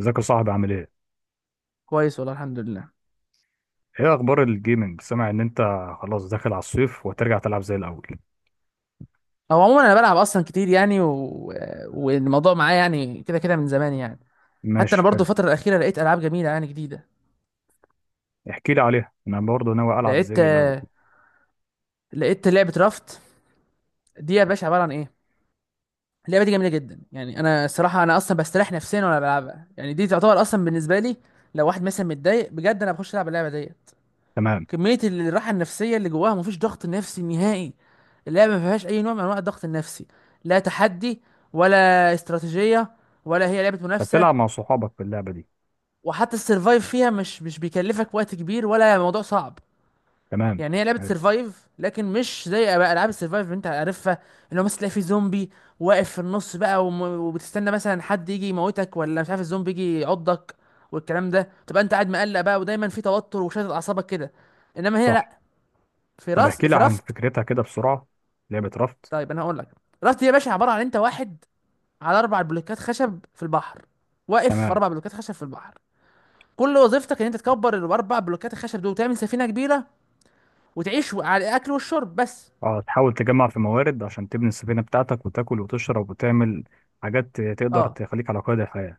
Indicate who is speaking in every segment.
Speaker 1: ازيك يا صاحبي عامل ايه؟
Speaker 2: كويس والله الحمد لله.
Speaker 1: ايه اخبار الجيمنج؟ سامع ان انت خلاص داخل على الصيف وترجع تلعب زي الاول.
Speaker 2: هو عموما انا بلعب اصلا كتير يعني والموضوع معايا يعني كده كده من زمان يعني. حتى انا
Speaker 1: ماشي،
Speaker 2: برضو
Speaker 1: حلو.
Speaker 2: الفتره الاخيره لقيت العاب جميله يعني جديده.
Speaker 1: احكي لي عليها. انا برضه ناوي العب
Speaker 2: لقيت
Speaker 1: زي الاول.
Speaker 2: لقيت لعبه رافت، دي يا باشا عباره عن ايه؟ اللعبه دي جميله جدا يعني، انا الصراحه انا اصلا بستريح نفسيا وانا بلعبها يعني، دي تعتبر اصلا بالنسبه لي لو واحد مثلا متضايق بجد انا بخش العب اللعبه دي.
Speaker 1: تمام.
Speaker 2: كمية الراحة النفسية اللي جواها، مفيش ضغط نفسي نهائي. اللعبة ما فيهاش أي نوع من أنواع الضغط النفسي، لا تحدي ولا استراتيجية ولا هي لعبة منافسة.
Speaker 1: هتلعب مع صحابك في اللعبة دي.
Speaker 2: وحتى السرفايف فيها مش بيكلفك وقت كبير ولا موضوع صعب.
Speaker 1: تمام.
Speaker 2: يعني هي لعبة
Speaker 1: حلو.
Speaker 2: سرفايف لكن مش زي أبقى ألعاب السرفايف اللي أنت عارفها، اللي هو مثلا تلاقي في زومبي واقف في النص بقى وبتستنى مثلا حد يجي يموتك، ولا مش عارف الزومبي يجي يعضك والكلام ده، تبقى أنت قاعد مقلق بقى ودايما في توتر وشادد أعصابك كده. إنما هنا
Speaker 1: صح.
Speaker 2: لأ، في
Speaker 1: طب
Speaker 2: راس،
Speaker 1: احكي لي
Speaker 2: في
Speaker 1: عن
Speaker 2: رفض.
Speaker 1: فكرتها كده بسرعة. لعبة رفض.
Speaker 2: طيب انا هقول لك، راس دي يا باشا عباره عن انت واحد على اربع بلوكات خشب في البحر، واقف في
Speaker 1: تمام.
Speaker 2: اربع بلوكات خشب في البحر. كل وظيفتك ان انت تكبر الاربع بلوكات الخشب دول وتعمل سفينه كبيره وتعيش على الاكل والشرب بس.
Speaker 1: اه، تحاول تجمع في موارد عشان تبني السفينة بتاعتك وتاكل وتشرب وتعمل حاجات تقدر
Speaker 2: اه
Speaker 1: تخليك على قيد الحياة.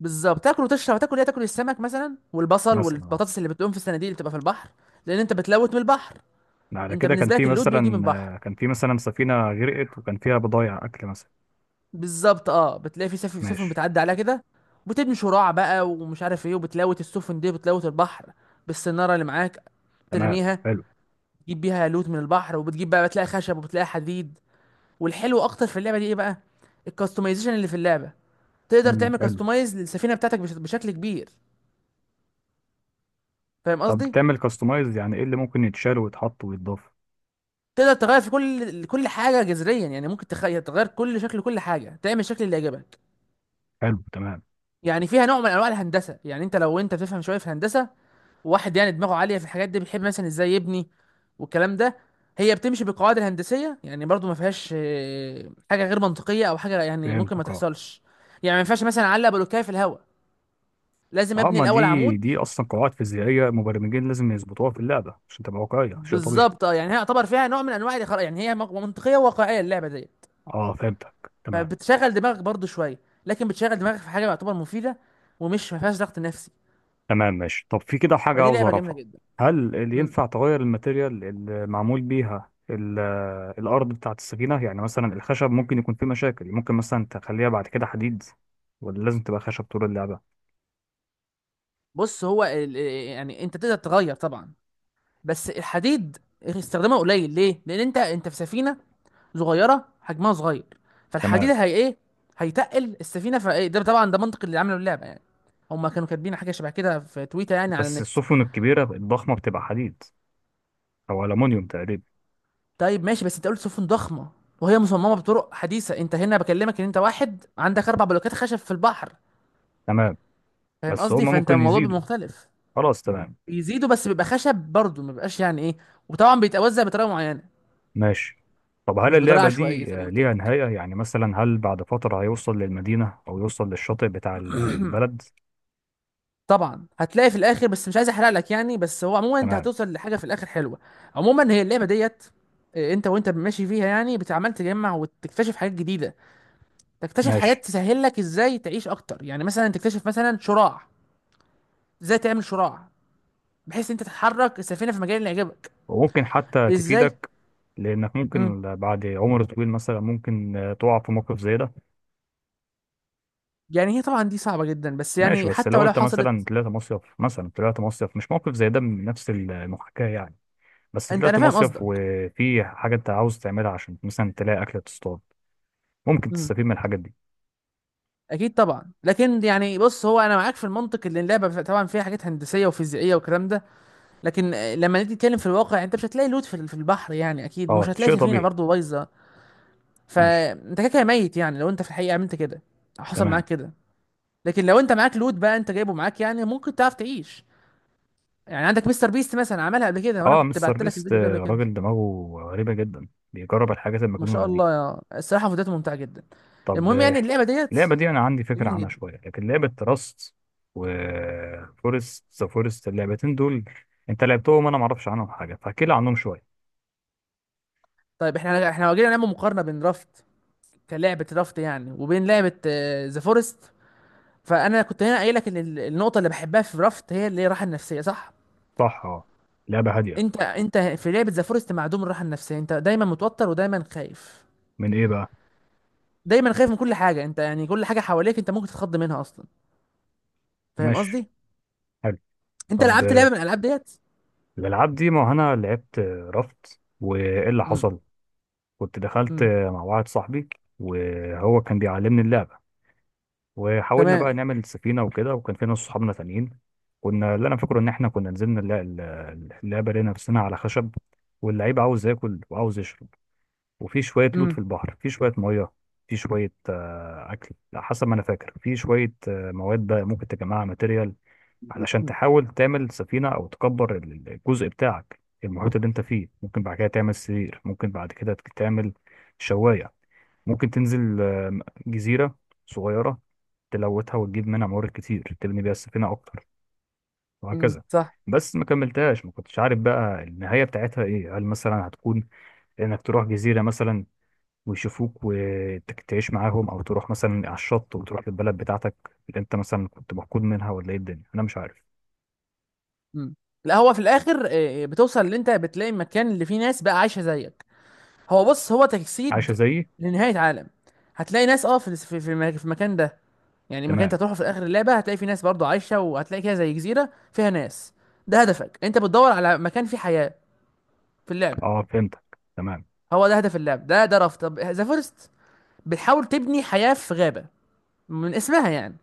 Speaker 2: بالظبط، تاكل وتشرب. تاكل ايه؟ تاكل السمك مثلا والبصل
Speaker 1: مثلا، اه.
Speaker 2: والبطاطس اللي بتقوم في الصناديق اللي بتبقى في البحر، لان انت بتلوت من البحر.
Speaker 1: على
Speaker 2: انت
Speaker 1: كده كان
Speaker 2: بالنسبه لك
Speaker 1: في
Speaker 2: اللوت بيجي من
Speaker 1: مثلا،
Speaker 2: البحر.
Speaker 1: كان في مثلا سفينة غرقت وكان فيها بضايع اكل مثلا.
Speaker 2: بالظبط، اه بتلاقي في سفن
Speaker 1: ماشي.
Speaker 2: بتعدي عليها كده وتبني شراع بقى ومش عارف ايه، وبتلوت السفن دي، بتلوت البحر بالسناره اللي معاك،
Speaker 1: تمام.
Speaker 2: ترميها
Speaker 1: حلو.
Speaker 2: تجيب بيها لوت من البحر. وبتجيب بقى، بتلاقي خشب وبتلاقي حديد. والحلو اكتر في اللعبه دي ايه بقى؟ الكاستمايزيشن اللي في اللعبه. تقدر تعمل
Speaker 1: حلو.
Speaker 2: كاستمايز للسفينه بتاعتك بشكل كبير. فاهم
Speaker 1: طب
Speaker 2: قصدي؟
Speaker 1: تعمل كاستمايز، يعني ايه اللي ممكن يتشال ويتحط ويتضاف؟
Speaker 2: تقدر تغير في كل حاجه جذريا. يعني ممكن يعني تغير كل شكل، كل حاجه، تعمل الشكل اللي يعجبك.
Speaker 1: حلو، تمام.
Speaker 2: يعني فيها نوع من انواع الهندسه. يعني انت لو انت بتفهم شويه في الهندسه، واحد يعني دماغه عاليه في الحاجات دي بيحب مثلا ازاي يبني والكلام ده. هي بتمشي بالقواعد الهندسيه. يعني برضو ما فيهاش حاجه غير منطقيه او حاجه يعني ممكن ما
Speaker 1: فهمتك، اه.
Speaker 2: تحصلش. يعني ما ينفعش مثلا اعلق بلوكايه في الهواء، لازم
Speaker 1: اه،
Speaker 2: ابني
Speaker 1: ما
Speaker 2: الاول
Speaker 1: دي
Speaker 2: عمود.
Speaker 1: دي اصلا قواعد فيزيائيه مبرمجين لازم يظبطوها في اللعبه عشان تبقى واقعيه، شيء طبيعي.
Speaker 2: بالظبط اه، يعني هي يعتبر فيها نوع من انواع الخرا يعني، هي منطقيه وواقعيه اللعبه ديت.
Speaker 1: اه، فهمتك، تمام.
Speaker 2: فبتشغل دماغك برضو شويه، لكن بتشغل دماغك في حاجه يعتبر مفيده، ومش ما فيهاش ضغط نفسي.
Speaker 1: تمام، ماشي. طب في كده حاجه
Speaker 2: فدي
Speaker 1: عاوز
Speaker 2: لعبه جميله
Speaker 1: اعرفها.
Speaker 2: جدا.
Speaker 1: هل اللي
Speaker 2: مم.
Speaker 1: ينفع تغير الماتيريال اللي معمول بيها الارض بتاعت السفينه، يعني مثلا الخشب ممكن يكون فيه مشاكل، ممكن مثلا تخليها بعد كده حديد، ولا لازم تبقى خشب طول اللعبه؟
Speaker 2: بص هو ال... آه، يعني انت تقدر تغير طبعا، بس الحديد استخدامه قليل ليه؟ لان انت في سفينه صغيره، حجمها صغير. فالحديد
Speaker 1: تمام،
Speaker 2: هي ايه؟ هيتقل السفينه. فايه ده؟ طبعا ده منطق اللي عملوا اللعبه يعني. هما كانوا كاتبين حاجه شبه كده في تويتر يعني، على
Speaker 1: بس
Speaker 2: النت.
Speaker 1: السفن الكبيرة الضخمة بتبقى حديد أو ألمونيوم تقريبا.
Speaker 2: طيب ماشي، بس انت قلت سفن ضخمه وهي مصممه بطرق حديثه. انت هنا بكلمك ان انت واحد عندك اربع بلوكات خشب في البحر.
Speaker 1: تمام،
Speaker 2: فاهم
Speaker 1: بس
Speaker 2: قصدي؟
Speaker 1: هما
Speaker 2: فانت
Speaker 1: ممكن
Speaker 2: الموضوع بيبقى
Speaker 1: يزيدوا.
Speaker 2: مختلف.
Speaker 1: خلاص، تمام،
Speaker 2: بيزيدوا بس بيبقى خشب برضه، ما بيبقاش يعني ايه. وطبعا بيتوزع بطريقه معينه،
Speaker 1: ماشي. طب هل
Speaker 2: مش بطريقه
Speaker 1: اللعبة
Speaker 2: عشوائيه
Speaker 1: دي
Speaker 2: زي ما قلت
Speaker 1: ليها
Speaker 2: لك.
Speaker 1: نهاية؟ يعني مثلا هل بعد فترة هيوصل للمدينة أو يوصل للشاطئ بتاع البلد؟
Speaker 2: طبعا هتلاقي في الاخر، بس مش عايز احرق لك يعني. بس هو عموما انت
Speaker 1: تمام،
Speaker 2: هتوصل لحاجه في الاخر حلوه. عموما هي اللعبه ديت، انت وانت ماشي فيها يعني بتعمل، تجمع وتكتشف حاجات جديده. تكتشف حاجات
Speaker 1: ماشي.
Speaker 2: تسهل لك ازاي تعيش اكتر. يعني مثلا تكتشف مثلا شراع، ازاي تعمل شراع، بحيث انت تتحرك السفينه في المجال اللي يعجبك.
Speaker 1: وممكن حتى
Speaker 2: ازاي؟
Speaker 1: تفيدك. لأنك
Speaker 2: امم
Speaker 1: ممكن بعد عمر طويل مثلا، ممكن تقع في موقف زي ده.
Speaker 2: يعني هي طبعا دي صعبه جدا، بس
Speaker 1: ماشي،
Speaker 2: يعني
Speaker 1: بس
Speaker 2: حتى
Speaker 1: لو
Speaker 2: ولو
Speaker 1: أنت
Speaker 2: حصلت.
Speaker 1: مثلا طلعت مصيف، مثلا طلعت مصيف مش موقف زي ده من نفس المحاكاة يعني. بس
Speaker 2: انت انا
Speaker 1: طلعت
Speaker 2: فاهم
Speaker 1: مصيف
Speaker 2: قصدك.
Speaker 1: وفي حاجة انت عاوز تعملها عشان مثلا تلاقي أكلة تصطاد، ممكن
Speaker 2: امم
Speaker 1: تستفيد من الحاجات دي.
Speaker 2: اكيد طبعا، لكن يعني بص هو انا معاك في المنطق. اللي اللعبه طبعا فيها حاجات هندسيه وفيزيائيه والكلام ده، لكن لما نيجي نتكلم في الواقع انت مش هتلاقي لوت في البحر يعني، اكيد. ومش
Speaker 1: اه،
Speaker 2: هتلاقي
Speaker 1: شيء
Speaker 2: سفينه
Speaker 1: طبيعي.
Speaker 2: برضه بايظه،
Speaker 1: ماشي،
Speaker 2: فانت كده كده ميت يعني لو انت في الحقيقه عملت كده أو حصل
Speaker 1: تمام.
Speaker 2: معاك كده. لكن لو انت معاك لوت بقى، انت جايبه معاك، يعني ممكن تعرف تعيش. يعني عندك مستر بيست مثلا عملها قبل كده، وانا
Speaker 1: اه،
Speaker 2: كنت
Speaker 1: مستر
Speaker 2: بعت لك
Speaker 1: بيست،
Speaker 2: الفيديو ده قبل كده.
Speaker 1: راجل دماغه غريبة جدا، بيجرب الحاجات
Speaker 2: ما شاء
Speaker 1: المجنونة دي.
Speaker 2: الله يا، الصراحه فيديوهاته ممتعه جدا.
Speaker 1: طب،
Speaker 2: المهم، يعني اللعبه ديت
Speaker 1: اللعبة دي أنا عندي فكرة
Speaker 2: جميله
Speaker 1: عنها
Speaker 2: جدا.
Speaker 1: شوية، لكن لعبة راست وفورست، ذا فورست، اللعبتين دول انت لعبتهم، أنا معرفش عنهم حاجة، فاحكي لي عنهم شوية.
Speaker 2: طيب احنا لو جينا نعمل مقارنه بين رافت، كلعبه رافت يعني، وبين لعبه ذا فورست، فانا كنت هنا قايل لك ان النقطه اللي بحبها في رافت هي اللي هي الراحه النفسيه، صح؟
Speaker 1: صح، اه. لعبة هادية.
Speaker 2: انت في لعبه ذا فورست معدوم الراحه النفسيه، انت دايما متوتر ودايما خايف.
Speaker 1: من ايه بقى؟
Speaker 2: دايما خايف من كل حاجه. انت يعني كل حاجه حواليك انت ممكن تتخض منها اصلا. فاهم
Speaker 1: ماشي،
Speaker 2: قصدي؟
Speaker 1: حلو.
Speaker 2: انت
Speaker 1: طب
Speaker 2: لعبت لعبه من الالعاب ديت؟
Speaker 1: الألعاب دي، ما هو أنا لعبت رفض، وإيه اللي
Speaker 2: امم
Speaker 1: حصل؟ كنت دخلت
Speaker 2: امم.
Speaker 1: مع واحد صاحبي، وهو كان بيعلمني اللعبة، وحاولنا بقى
Speaker 2: تمام.
Speaker 1: نعمل سفينة وكده، وكان في ناس صحابنا تانيين. كنا، اللي أنا فاكره إن إحنا كنا نزلنا اللعبة، لقينا نفسنا على خشب، واللعيب عاوز ياكل وعاوز يشرب، وفي شوية لوت في
Speaker 2: امم
Speaker 1: البحر، في شوية مية، في شوية أكل، على حسب ما أنا فاكر، في شوية مواد بقى ممكن تجمعها، ماتيريال، علشان تحاول تعمل سفينة أو تكبر الجزء بتاعك، المحيط اللي أنت فيه. ممكن بعد كده تعمل سرير، ممكن بعد كده تعمل شواية، ممكن تنزل جزيرة صغيرة، تلوتها وتجيب منها موارد كتير تبني بيها السفينة أكتر،
Speaker 2: امم.
Speaker 1: وهكذا.
Speaker 2: صح.
Speaker 1: بس ما كملتهاش، ما كنتش عارف بقى النهاية بتاعتها إيه. هل مثلا هتكون إنك تروح جزيرة مثلا ويشوفوك وتعيش معاهم، أو تروح مثلا على الشط وتروح للبلد بتاعتك اللي أنت مثلا كنت مفقود منها، ولا إيه الدنيا؟ أنا مش عارف.
Speaker 2: امم لا هو في الاخر بتوصل ان انت بتلاقي المكان اللي فيه ناس بقى عايشه زيك. هو بص، هو
Speaker 1: عايشة
Speaker 2: تجسيد
Speaker 1: زيي؟
Speaker 2: لنهايه عالم. هتلاقي ناس اه في في المكان ده. يعني المكان انت
Speaker 1: تمام،
Speaker 2: هتروحه في اخر اللعبه هتلاقي فيه ناس برضه عايشه، وهتلاقي كده زي جزيره فيها ناس. ده هدفك، انت بتدور على مكان فيه حياه في اللعبه.
Speaker 1: اه، فهمتك، تمام.
Speaker 2: هو ده هدف اللعبه، ده ده رفض. طب ذا فورست، بتحاول تبني حياه في غابه، من اسمها يعني.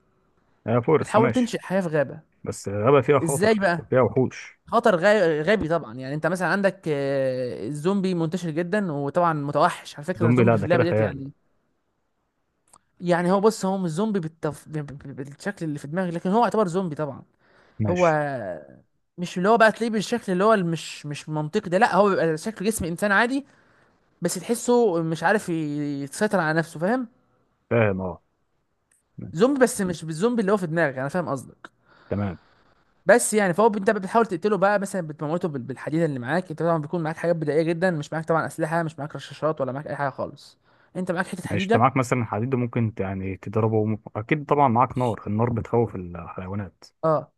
Speaker 1: آه، فورس،
Speaker 2: بتحاول
Speaker 1: ماشي.
Speaker 2: تنشئ حياه في غابه.
Speaker 1: بس غابة فيها
Speaker 2: ازاي
Speaker 1: خطر
Speaker 2: بقى؟
Speaker 1: وفيها وحوش.
Speaker 2: خطر غابي طبعا. يعني انت مثلا عندك الزومبي منتشر جدا، وطبعا متوحش على فكره
Speaker 1: زومبي؟ لا،
Speaker 2: الزومبي في
Speaker 1: ده كده
Speaker 2: اللعبه ديت
Speaker 1: خيال.
Speaker 2: يعني. يعني هو بص، هو مش زومبي بالتف... ب- ب- ب- بالشكل اللي في دماغي، لكن هو يعتبر زومبي طبعا. هو
Speaker 1: ماشي،
Speaker 2: مش اللي هو بقى تلاقيه بالشكل اللي هو مش منطقي ده، لا هو بيبقى شكل جسم انسان عادي. بس تحسه مش عارف يسيطر على نفسه، فاهم؟
Speaker 1: فاهم، اه. ماشي.
Speaker 2: زومبي، بس مش بالزومبي اللي هو في دماغك. انا فاهم قصدك.
Speaker 1: تمام،
Speaker 2: بس يعني، فهو انت بتحاول تقتله بقى، مثلا بتموته بالحديده اللي معاك. انت طبعا بيكون معاك حاجات بدائيه جدا، مش معاك طبعا اسلحه، مش معاك رشاشات ولا معاك اي حاجه خالص. انت معاك حته
Speaker 1: ماشي. انت
Speaker 2: حديده.
Speaker 1: معاك مثلا حديد، ممكن يعني تضربه، اكيد طبعا معاك نار، النار بتخوف الحيوانات.
Speaker 2: اه،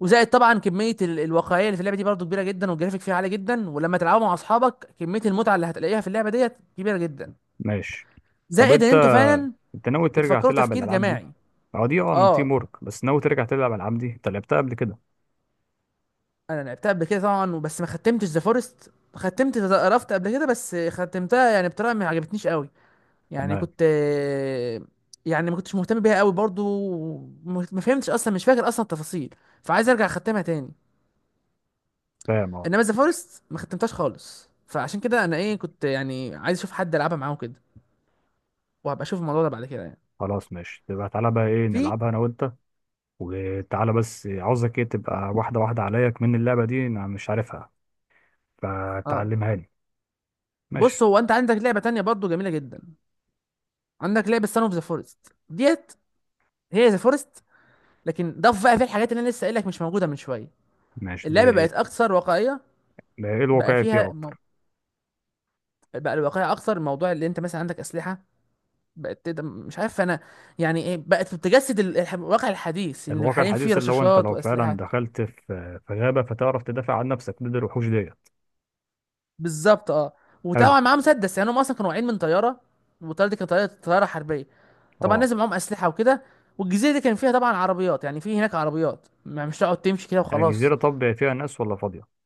Speaker 2: وزائد طبعا كميه الواقعيه اللي في اللعبه دي برضه كبيره جدا، والجرافيك فيها عالي جدا، ولما تلعبوا مع اصحابك كميه المتعه اللي هتلاقيها في اللعبه ديت كبيره جدا.
Speaker 1: ماشي. طب
Speaker 2: زائد ان
Speaker 1: انت
Speaker 2: انتوا فعلا
Speaker 1: انت ناوي ترجع
Speaker 2: بتفكروا
Speaker 1: تلعب
Speaker 2: تفكير
Speaker 1: الالعاب دي؟
Speaker 2: جماعي.
Speaker 1: اه، دي، تيم
Speaker 2: اه،
Speaker 1: ورك. بس ناوي ترجع تلعب الالعاب دي؟ انت لعبتها قبل كده؟
Speaker 2: انا لعبتها قبل كده طبعا، بس ما ختمتش ذا فورست. ختمت ذا رافت قبل كده، بس ختمتها يعني بطريقه ما عجبتنيش قوي. يعني
Speaker 1: تمام،
Speaker 2: كنت، يعني ما كنتش مهتم بيها قوي برضو. ما فهمتش اصلا، مش فاكر اصلا التفاصيل، فعايز ارجع اختمها تاني.
Speaker 1: فاهم، اه.
Speaker 2: انما ذا فورست ما ختمتهاش خالص، فعشان كده انا ايه كنت يعني عايز اشوف حد العبها معاه كده، وهبقى اشوف الموضوع ده بعد كده يعني.
Speaker 1: خلاص، ماشي، تبقى تعالى بقى، ايه،
Speaker 2: في
Speaker 1: نلعبها انا وانت. وتعالى، بس عاوزك ايه، تبقى واحدة واحدة عليا كمان، اللعبة دي انا مش عارفها،
Speaker 2: اه،
Speaker 1: فتعلمها لي.
Speaker 2: بص
Speaker 1: ماشي.
Speaker 2: هو انت عندك لعبه تانية برضو جميله جدا. عندك لعبه سان اوف ذا فورست ديت، هي ذا فورست لكن ضاف بقى في الحاجات اللي انا لسه قايل لك مش موجوده من شويه.
Speaker 1: ماشي
Speaker 2: اللعبه
Speaker 1: دي.
Speaker 2: بقت اكثر واقعيه.
Speaker 1: ده ايه
Speaker 2: بقى
Speaker 1: الواقعي
Speaker 2: فيها
Speaker 1: فيها اكتر؟
Speaker 2: بقى الواقعيه اكثر. موضوع اللي انت مثلا عندك اسلحه، بقت تقدر مش عارف انا يعني ايه، بقت بتجسد الواقع الحديث، ان
Speaker 1: الواقع
Speaker 2: حاليا في
Speaker 1: الحديث، اللي هو انت
Speaker 2: رشاشات
Speaker 1: لو فعلا
Speaker 2: واسلحه.
Speaker 1: دخلت في غابة فتعرف تدافع عن نفسك ضد الوحوش ديت.
Speaker 2: بالظبط اه،
Speaker 1: حلو،
Speaker 2: وطبعا معاهم مسدس. يعني هم اصلا كانوا واقعين من طياره، والطياره دي كانت طياره حربيه، طبعا
Speaker 1: اه.
Speaker 2: نازل معاهم اسلحه وكده. والجزيره دي كان فيها طبعا عربيات، يعني في هناك عربيات مش تقعد تمشي كده
Speaker 1: يعني
Speaker 2: وخلاص.
Speaker 1: جزيرة، طب فيها ناس ولا فاضية؟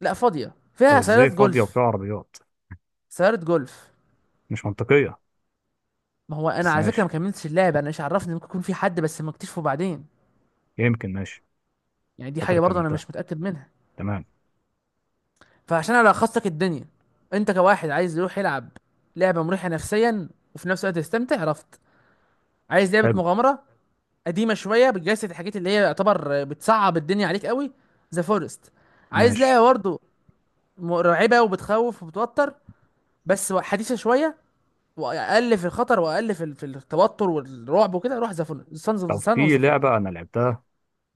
Speaker 2: لا فاضيه،
Speaker 1: طب
Speaker 2: فيها
Speaker 1: ازاي
Speaker 2: سيارات
Speaker 1: فاضية وفيها
Speaker 2: جولف.
Speaker 1: عربيات؟
Speaker 2: سيارة جولف.
Speaker 1: مش منطقية.
Speaker 2: ما هو انا
Speaker 1: بس
Speaker 2: على فكره ما
Speaker 1: ماشي،
Speaker 2: كملتش اللعبه، انا ايش عرفني، ممكن يكون في حد بس ما اكتشفه بعدين.
Speaker 1: يمكن. ماشي،
Speaker 2: يعني دي
Speaker 1: فاكر
Speaker 2: حاجه برضه انا
Speaker 1: كملتها.
Speaker 2: مش متاكد منها.
Speaker 1: تمام.
Speaker 2: فعشان الخص لك الدنيا، انت كواحد عايز يروح يلعب لعبه مريحه نفسيا وفي نفس الوقت يستمتع، عرفت؟ عايز لعبه
Speaker 1: حلو،
Speaker 2: مغامره قديمه شويه بتجسد الحاجات اللي هي يعتبر بتصعب الدنيا عليك قوي، ذا فورست. عايز
Speaker 1: ماشي.
Speaker 2: لعبه برضه مرعبه وبتخوف وبتوتر بس حديثه شويه، واقل في الخطر واقل في التوتر والرعب وكده، روح ذا فورست،
Speaker 1: طب
Speaker 2: سان اوف
Speaker 1: في
Speaker 2: ذا فورست.
Speaker 1: لعبة انا لعبتها،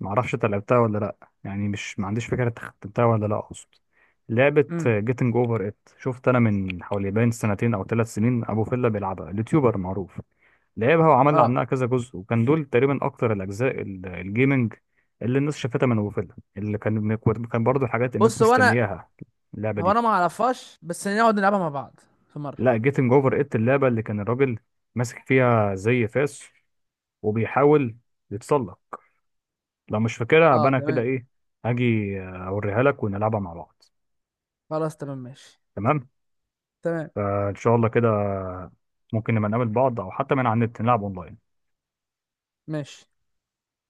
Speaker 1: ما اعرفش انت لعبتها ولا لا، يعني مش، ما عنديش فكره انت ختمتها ولا لا اقصد، لعبه
Speaker 2: امم
Speaker 1: جيتنج اوفر ات، شفت انا من حوالي باين سنتين او 3 سنين ابو فيلا بيلعبها، اليوتيوبر معروف. لعبها وعمل
Speaker 2: اه،
Speaker 1: عنها كذا جزء، وكان دول تقريبا اكتر الاجزاء الجيمنج اللي الناس شافتها من ابو فيلا، اللي كان، كان برضه حاجات الناس
Speaker 2: بص
Speaker 1: مستنياها، اللعبه
Speaker 2: هو
Speaker 1: دي.
Speaker 2: انا ما اعرفهاش، بس نقعد نلعبها مع بعض في مره.
Speaker 1: لا، جيتنج اوفر ات، اللعبه اللي كان الراجل ماسك فيها زي فاس وبيحاول يتسلق. لو مش فاكرها أبقى
Speaker 2: اه
Speaker 1: أنا كده،
Speaker 2: تمام.
Speaker 1: إيه، هاجي أوريها لك ونلعبها مع بعض.
Speaker 2: خلاص تمام ماشي.
Speaker 1: تمام،
Speaker 2: تمام
Speaker 1: إن شاء الله كده. ممكن نبقى نقابل بعض، أو حتى من على النت نلعب أونلاين.
Speaker 2: ماشي.